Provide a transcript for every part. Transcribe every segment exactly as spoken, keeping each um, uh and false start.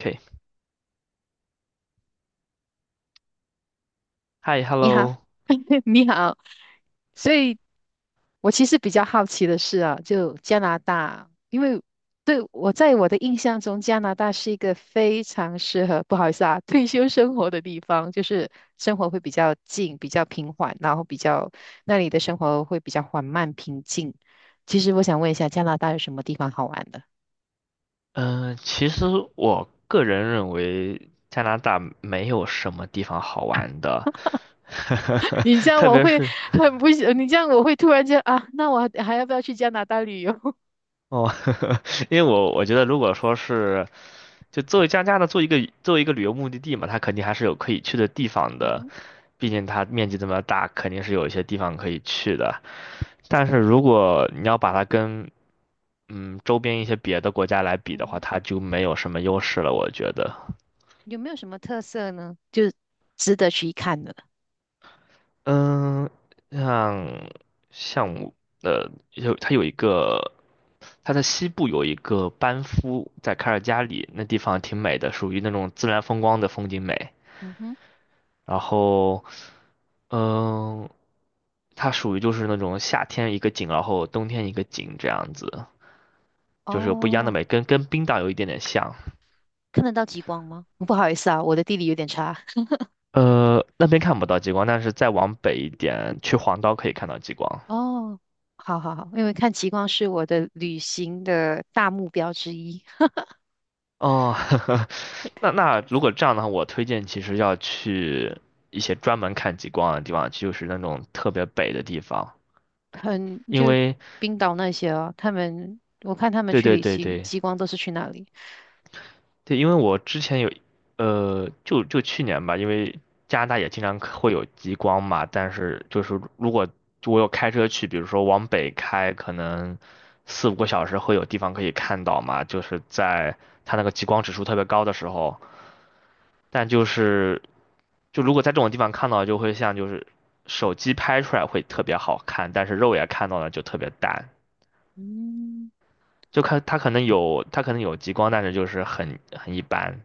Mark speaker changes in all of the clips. Speaker 1: OK，嗨
Speaker 2: 你好，
Speaker 1: ，Hello，
Speaker 2: 你好。所以，我其实比较好奇的是啊，就加拿大，因为对我在我的印象中，加拿大是一个非常适合，不好意思啊，退休生活的地方，就是生活会比较静、比较平缓，然后比较那里的生活会比较缓慢、平静。其实我想问一下，加拿大有什么地方好玩的？
Speaker 1: 嗯、其实我个人认为加拿大没有什么地方好玩的，
Speaker 2: 你这 样
Speaker 1: 特
Speaker 2: 我
Speaker 1: 别
Speaker 2: 会
Speaker 1: 是
Speaker 2: 很不喜，你这样我会突然间啊，那我还要不要去加拿大旅游？
Speaker 1: 哦，因为我我觉得如果说是就作为加拿大做一个作为一个旅游目的地嘛，它肯定还是有可以去的地方
Speaker 2: 嗯
Speaker 1: 的，
Speaker 2: 哼，
Speaker 1: 毕竟它面积这么大，肯定是有一些地方可以去的。但是如果你要把它跟嗯周边一些别的国家来比的话，
Speaker 2: 嗯哼
Speaker 1: 它就没有什么优势了，我觉得。
Speaker 2: 有没有什么特色呢？值得去看的？
Speaker 1: 嗯，像像我呃，有它有一个，它在西部有一个班夫，在卡尔加里那地方挺美的，属于那种自然风光的风景美。
Speaker 2: 嗯哼，
Speaker 1: 然后，嗯，它属于就是那种夏天一个景，然后冬天一个景这样子，就是有不一样的
Speaker 2: 哦，
Speaker 1: 美，跟跟冰岛有一点点像。
Speaker 2: 看得到极光吗？不好意思啊，我的地理有点差。
Speaker 1: 呃，那边看不到极光，但是再往北一点，去黄岛可以看到极光。
Speaker 2: 哦，好好好，因为看极光是我的旅行的大目标之一。
Speaker 1: 哦，那那如果这样的话，我推荐其实要去一些专门看极光的地方，就是那种特别北的地方，
Speaker 2: 很，
Speaker 1: 因
Speaker 2: 就
Speaker 1: 为
Speaker 2: 冰岛那些哦，他们我看他们
Speaker 1: 对
Speaker 2: 去
Speaker 1: 对
Speaker 2: 旅
Speaker 1: 对
Speaker 2: 行，
Speaker 1: 对
Speaker 2: 极光都是去那里。
Speaker 1: 对，因为我之前有，呃，就就去年吧，因为加拿大也经常可会有极光嘛，但是就是如果我有开车去，比如说往北开，可能四五个小时会有地方可以看到嘛，就是在它那个极光指数特别高的时候。但就是就如果在这种地方看到，就会像就是手机拍出来会特别好看，但是肉眼看到的就特别淡。
Speaker 2: 嗯，
Speaker 1: 就看它可能有它可能有极光，但是就是很很一般。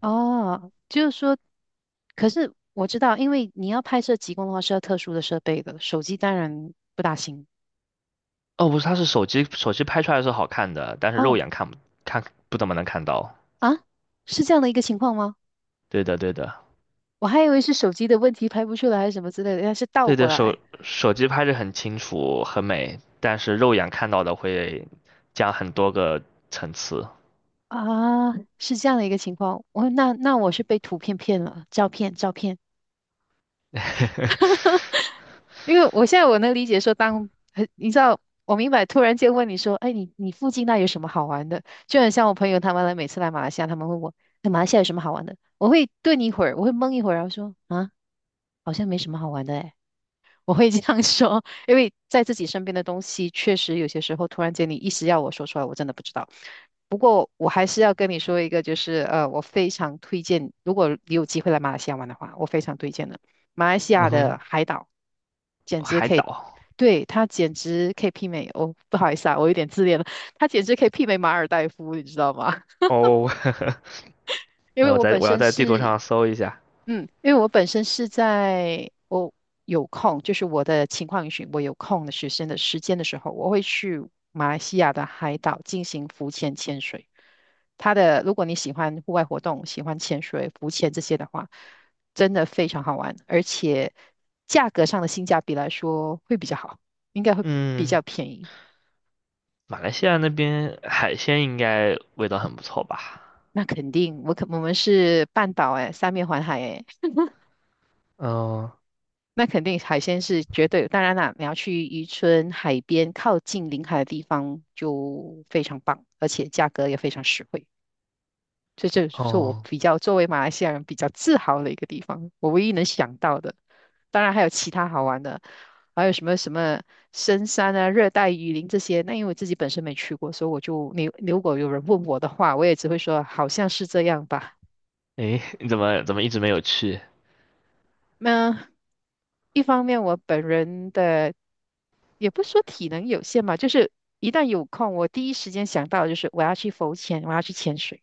Speaker 2: 哦，就是说，可是我知道，因为你要拍摄极光的话是要特殊的设备的，手机当然不大行。
Speaker 1: 哦，不是，它是手机手机拍出来是好看的，但是肉
Speaker 2: 哦，
Speaker 1: 眼看不看不怎么能看到。
Speaker 2: 啊，是这样的一个情况吗？
Speaker 1: 对的，对的，
Speaker 2: 我还以为是手机的问题拍不出来还是什么之类的，原来是倒
Speaker 1: 对
Speaker 2: 过
Speaker 1: 的，手
Speaker 2: 来
Speaker 1: 手机拍着很清楚很美，但是肉眼看到的会加很多个层次。
Speaker 2: 啊，是这样的一个情况。我那那我是被图片骗了，照片照片。因为我现在我能理解说当，很你知道，我明白。突然间问你说，哎，你你附近那有什么好玩的？就很像我朋友他们来，每次来马来西亚，他们问我，哎，马来西亚有什么好玩的？我会顿一会儿，我会懵一会儿，然后说，啊，好像没什么好玩的，我会这样说，因为在自己身边的东西，确实有些时候突然间你一时要我说出来，我真的不知道。不过我还是要跟你说一个，就是呃，我非常推荐，如果你有机会来马来西亚玩的话，我非常推荐的。马来西亚
Speaker 1: 嗯
Speaker 2: 的
Speaker 1: 哼，
Speaker 2: 海岛简直
Speaker 1: 海
Speaker 2: 可以，
Speaker 1: 岛
Speaker 2: 对，它简直可以媲美哦，不好意思啊，我有点自恋了，它简直可以媲美马尔代夫，你知道吗？
Speaker 1: 哦，
Speaker 2: 因为
Speaker 1: 我
Speaker 2: 我
Speaker 1: 在
Speaker 2: 本
Speaker 1: 我要
Speaker 2: 身
Speaker 1: 在地图
Speaker 2: 是
Speaker 1: 上搜一下。
Speaker 2: 嗯，因为我本身是在我有空，就是我的情况允许，我有空的学生的时间的时候，我会去马来西亚的海岛进行浮潜潜水。它的，如果你喜欢户外活动，喜欢潜水、浮潜这些的话，真的非常好玩，而且价格上的性价比来说会比较好，应该会比
Speaker 1: 嗯，
Speaker 2: 较便宜。
Speaker 1: 马来西亚那边海鲜应该味道很不错吧？
Speaker 2: 那肯定，我可我们是半岛哎，三面环海哎，
Speaker 1: 哦
Speaker 2: 那肯定海鲜是绝对，当然啦，你要去渔村、海边、靠近临海的地方就非常棒，而且价格也非常实惠。这就是我
Speaker 1: 哦，
Speaker 2: 比较作为马来西亚人比较自豪的一个地方，我唯一能想到的。当然还有其他好玩的，还有什么什么深山啊、热带雨林这些。那因为我自己本身没去过，所以我就你如果有人问我的话，我也只会说好像是这样吧。
Speaker 1: 诶，你怎么怎么一直没有去？
Speaker 2: 那一方面，我本人的也不是说体能有限吧，就是一旦有空，我第一时间想到的就是我要去浮潜，我要去潜水。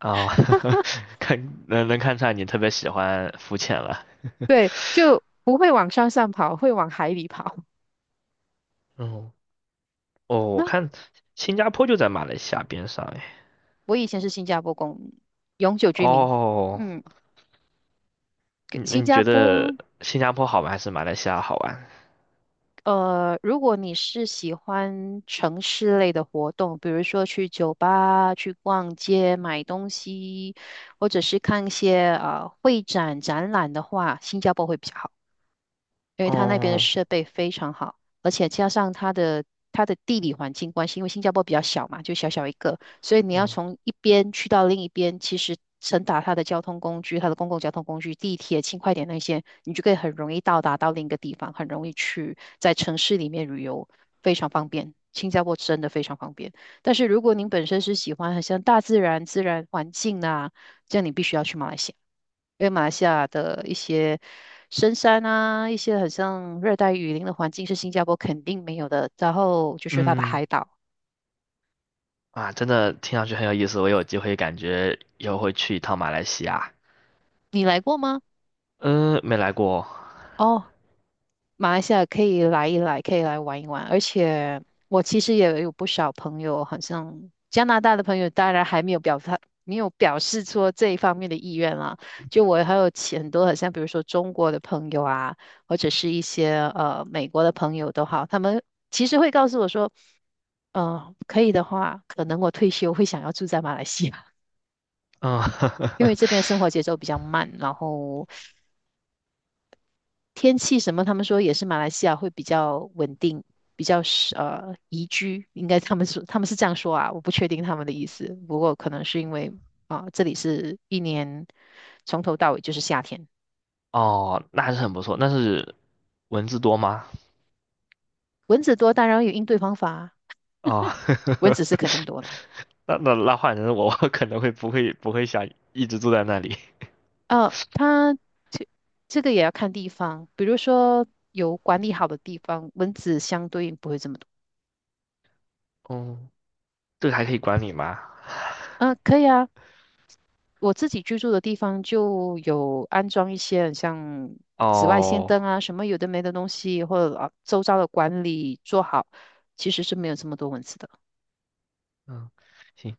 Speaker 1: 哦，看能能看出来你特别喜欢浮潜了。
Speaker 2: 对，就不会往山上跑，会往海里跑。
Speaker 1: 嗯，哦，我
Speaker 2: 那
Speaker 1: 看新加坡就在马来西亚边上诶。
Speaker 2: 我以前是新加坡公永久居民，
Speaker 1: 哦，
Speaker 2: 嗯，
Speaker 1: 你那
Speaker 2: 新
Speaker 1: 你
Speaker 2: 加
Speaker 1: 觉
Speaker 2: 坡。
Speaker 1: 得新加坡好玩还是马来西亚好玩？
Speaker 2: 呃，如果你是喜欢城市类的活动，比如说去酒吧、去逛街、买东西，或者是看一些啊呃会展展览的话，新加坡会比较好。因为它那边的
Speaker 1: 哦
Speaker 2: 设备非常好，而且加上它的它的地理环境关系，因为新加坡比较小嘛，就小小一个，所以你要
Speaker 1: 哦，
Speaker 2: 从一边去到另一边，其实乘搭它的交通工具，它的公共交通工具，地铁、轻快点那些，你就可以很容易到达到另一个地方，很容易去在城市里面旅游，非常方便。新加坡真的非常方便，但是如果您本身是喜欢很像大自然、自然环境啊，这样你必须要去马来西亚。因为马来西亚的一些深山啊，一些很像热带雨林的环境是新加坡肯定没有的。然后就是它的
Speaker 1: 嗯
Speaker 2: 海岛，
Speaker 1: 啊，真的听上去很有意思，我有机会感觉以后会去一趟马来西亚。
Speaker 2: 你来过吗？
Speaker 1: 嗯，没来过。
Speaker 2: 哦，马来西亚可以来一来，可以来玩一玩。而且我其实也有不少朋友，好像加拿大的朋友，当然还没有表态。没有表示出这一方面的意愿啦，就我还有其很多，很像比如说中国的朋友啊，或者是一些呃美国的朋友都好，他们其实会告诉我说。嗯，可以的话，可能我退休会想要住在马来西亚，
Speaker 1: 嗯，
Speaker 2: 因为 这边生活节奏比较慢，然后天气什么，他们说也是马来西亚会比较稳定，比较是呃宜居，应该他们说他们是这样说啊，我不确定他们的意思，不过可能是因为啊、这里是一年从头到尾就是夏天，
Speaker 1: 哦，那还是很不错。那是文字多吗？
Speaker 2: 蚊子多当然有应对方法啊
Speaker 1: 哦，
Speaker 2: 蚊子是肯定 多的。
Speaker 1: 那那那换成我，我可能会不会不会想一直住在那里。
Speaker 2: 呃，它这这个也要看地方，比如说有管理好的地方，蚊子相对应不会这么多。
Speaker 1: 哦，这个还可以管理吗？
Speaker 2: 嗯，呃可以啊。我自己居住的地方就有安装一些很像紫外线灯
Speaker 1: 哦，
Speaker 2: 啊，什么有的没的东西，或者啊周遭的管理做好，其实是没有这么多蚊子的。
Speaker 1: 嗯，行。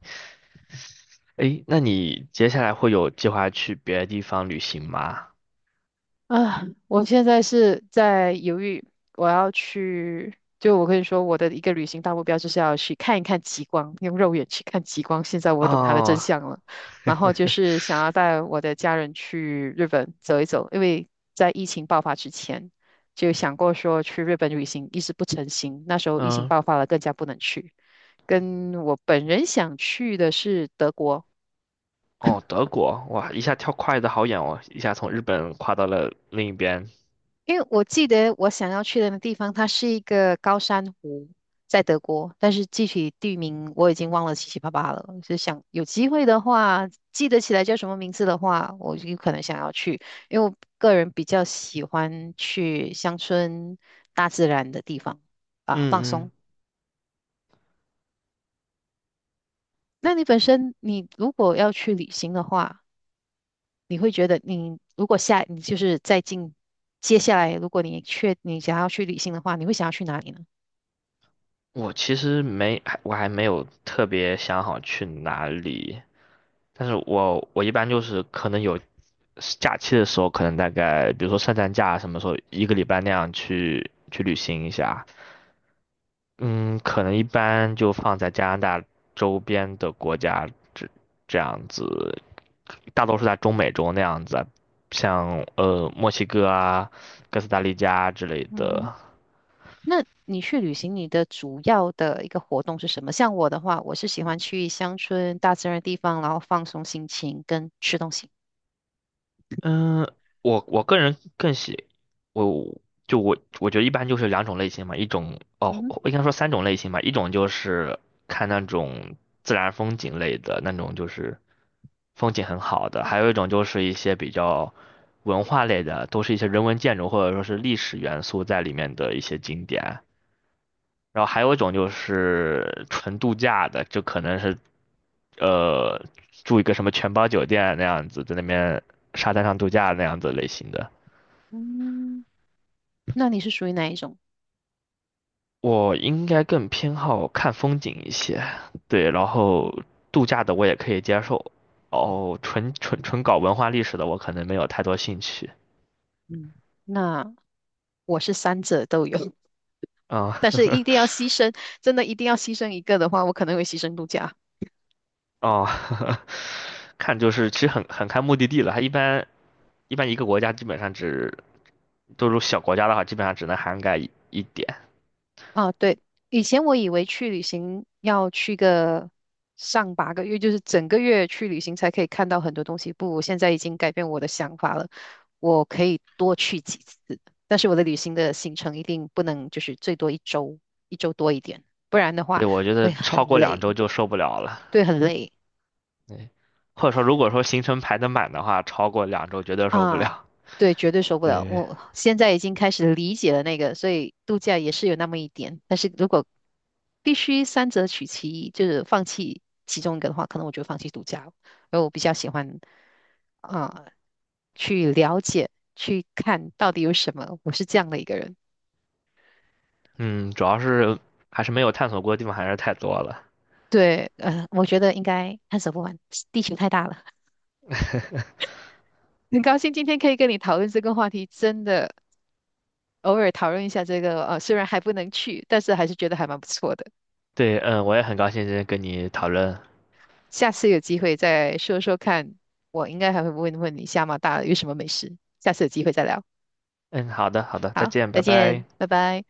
Speaker 1: 诶，那你接下来会有计划去别的地方旅行吗？
Speaker 2: 啊，我现在是在犹豫，我要去，就我跟你说，我的一个旅行大目标就是要去看一看极光，用肉眼去看极光。现在我懂它的真
Speaker 1: 哦，
Speaker 2: 相了，然后 就是想要带我的家人去日本走一走，因为在疫情爆发之前就想过说去日本旅行，一直不成行，那时候疫情
Speaker 1: 嗯，
Speaker 2: 爆发了，更加不能去。跟我本人想去的是德国。
Speaker 1: 哦，德国，哇，一下跳跨的好远哦，一下从日本跨到了另一边。
Speaker 2: 因为我记得我想要去的那地方，它是一个高山湖，在德国，但是具体地名我已经忘了七七八八了。就想有机会的话，记得起来叫什么名字的话，我就可能想要去，因为我个人比较喜欢去乡村、大自然的地方啊，放
Speaker 1: 嗯
Speaker 2: 松。
Speaker 1: 嗯。
Speaker 2: 那你本身，你如果要去旅行的话，你会觉得你如果下，你就是在近接下来，如果你确你想要去旅行的话，你会想要去哪里呢？
Speaker 1: 我其实没，还我还没有特别想好去哪里，但是我我一般就是可能有假期的时候，可能大概比如说圣诞假什么时候一个礼拜那样去去旅行一下，嗯，可能一般就放在加拿大周边的国家这这样子，大多数在中美洲那样子啊像呃墨西哥啊、哥斯达黎加之类
Speaker 2: 嗯哼。
Speaker 1: 的。
Speaker 2: 那你去旅行，你的主要的一个活动是什么？像我的话，我是喜欢去乡村、大自然的地方，然后放松心情跟吃东西。
Speaker 1: 嗯，我我个人更喜，我就我我觉得一般就是两种类型嘛，一种
Speaker 2: 嗯
Speaker 1: 哦，
Speaker 2: 哼
Speaker 1: 应该说三种类型吧，一种就是看那种自然风景类的那种，就是风景很好的，还有一种就是一些比较文化类的，都是一些人文建筑或者说是历史元素在里面的一些景点。然后还有一种就是纯度假的，就可能是呃住一个什么全包酒店那样子，在那边沙滩上度假那样子类型的。
Speaker 2: 嗯，那你是属于哪一种？
Speaker 1: 我应该更偏好看风景一些，对，然后度假的我也可以接受，哦，纯纯纯搞文化历史的我可能没有太多兴趣。
Speaker 2: 嗯，那我是三者都有，
Speaker 1: 啊、
Speaker 2: 但是一定要 牺牲，真的一定要牺牲一个的话，我可能会牺牲度假。
Speaker 1: 哦，看就是其实很很看目的地了，它一般一般一个国家基本上只，都是小国家的话，基本上只能涵盖一一点。
Speaker 2: 啊，对，以前我以为去旅行要去个上八个月，就是整个月去旅行才可以看到很多东西。不，我现在已经改变我的想法了，我可以多去几次，但是我的旅行的行程一定不能就是最多一周，一周多一点，不然的话
Speaker 1: 对，我觉
Speaker 2: 会
Speaker 1: 得超
Speaker 2: 很
Speaker 1: 过两周
Speaker 2: 累，
Speaker 1: 就受不了了。
Speaker 2: 对，很累。
Speaker 1: 对，或者说如果说行程排得满的话，超过两周绝对受不
Speaker 2: 啊，
Speaker 1: 了。
Speaker 2: 对，绝对受不了。
Speaker 1: 对，
Speaker 2: 我现在已经开始理解了那个，所以度假也是有那么一点。但是如果必须三者取其一，就是放弃其中一个的话，可能我就放弃度假了。而我比较喜欢啊，去了解、去看到底有什么。我是这样的一个人。
Speaker 1: 嗯，主要是还是没有探索过的地方还是太多了。
Speaker 2: 对，呃，我觉得应该探索不完，地球太大了。很高兴今天可以跟你讨论这个话题，真的偶尔讨论一下这个，呃，虽然还不能去，但是还是觉得还蛮不错的。
Speaker 1: 对，嗯，我也很高兴今天跟你讨论。
Speaker 2: 下次有机会再说说看，我应该还会问问你加拿大有什么美食。下次有机会再聊。
Speaker 1: 嗯，好的，好的，再
Speaker 2: 好，
Speaker 1: 见，
Speaker 2: 再
Speaker 1: 拜拜。
Speaker 2: 见，拜拜。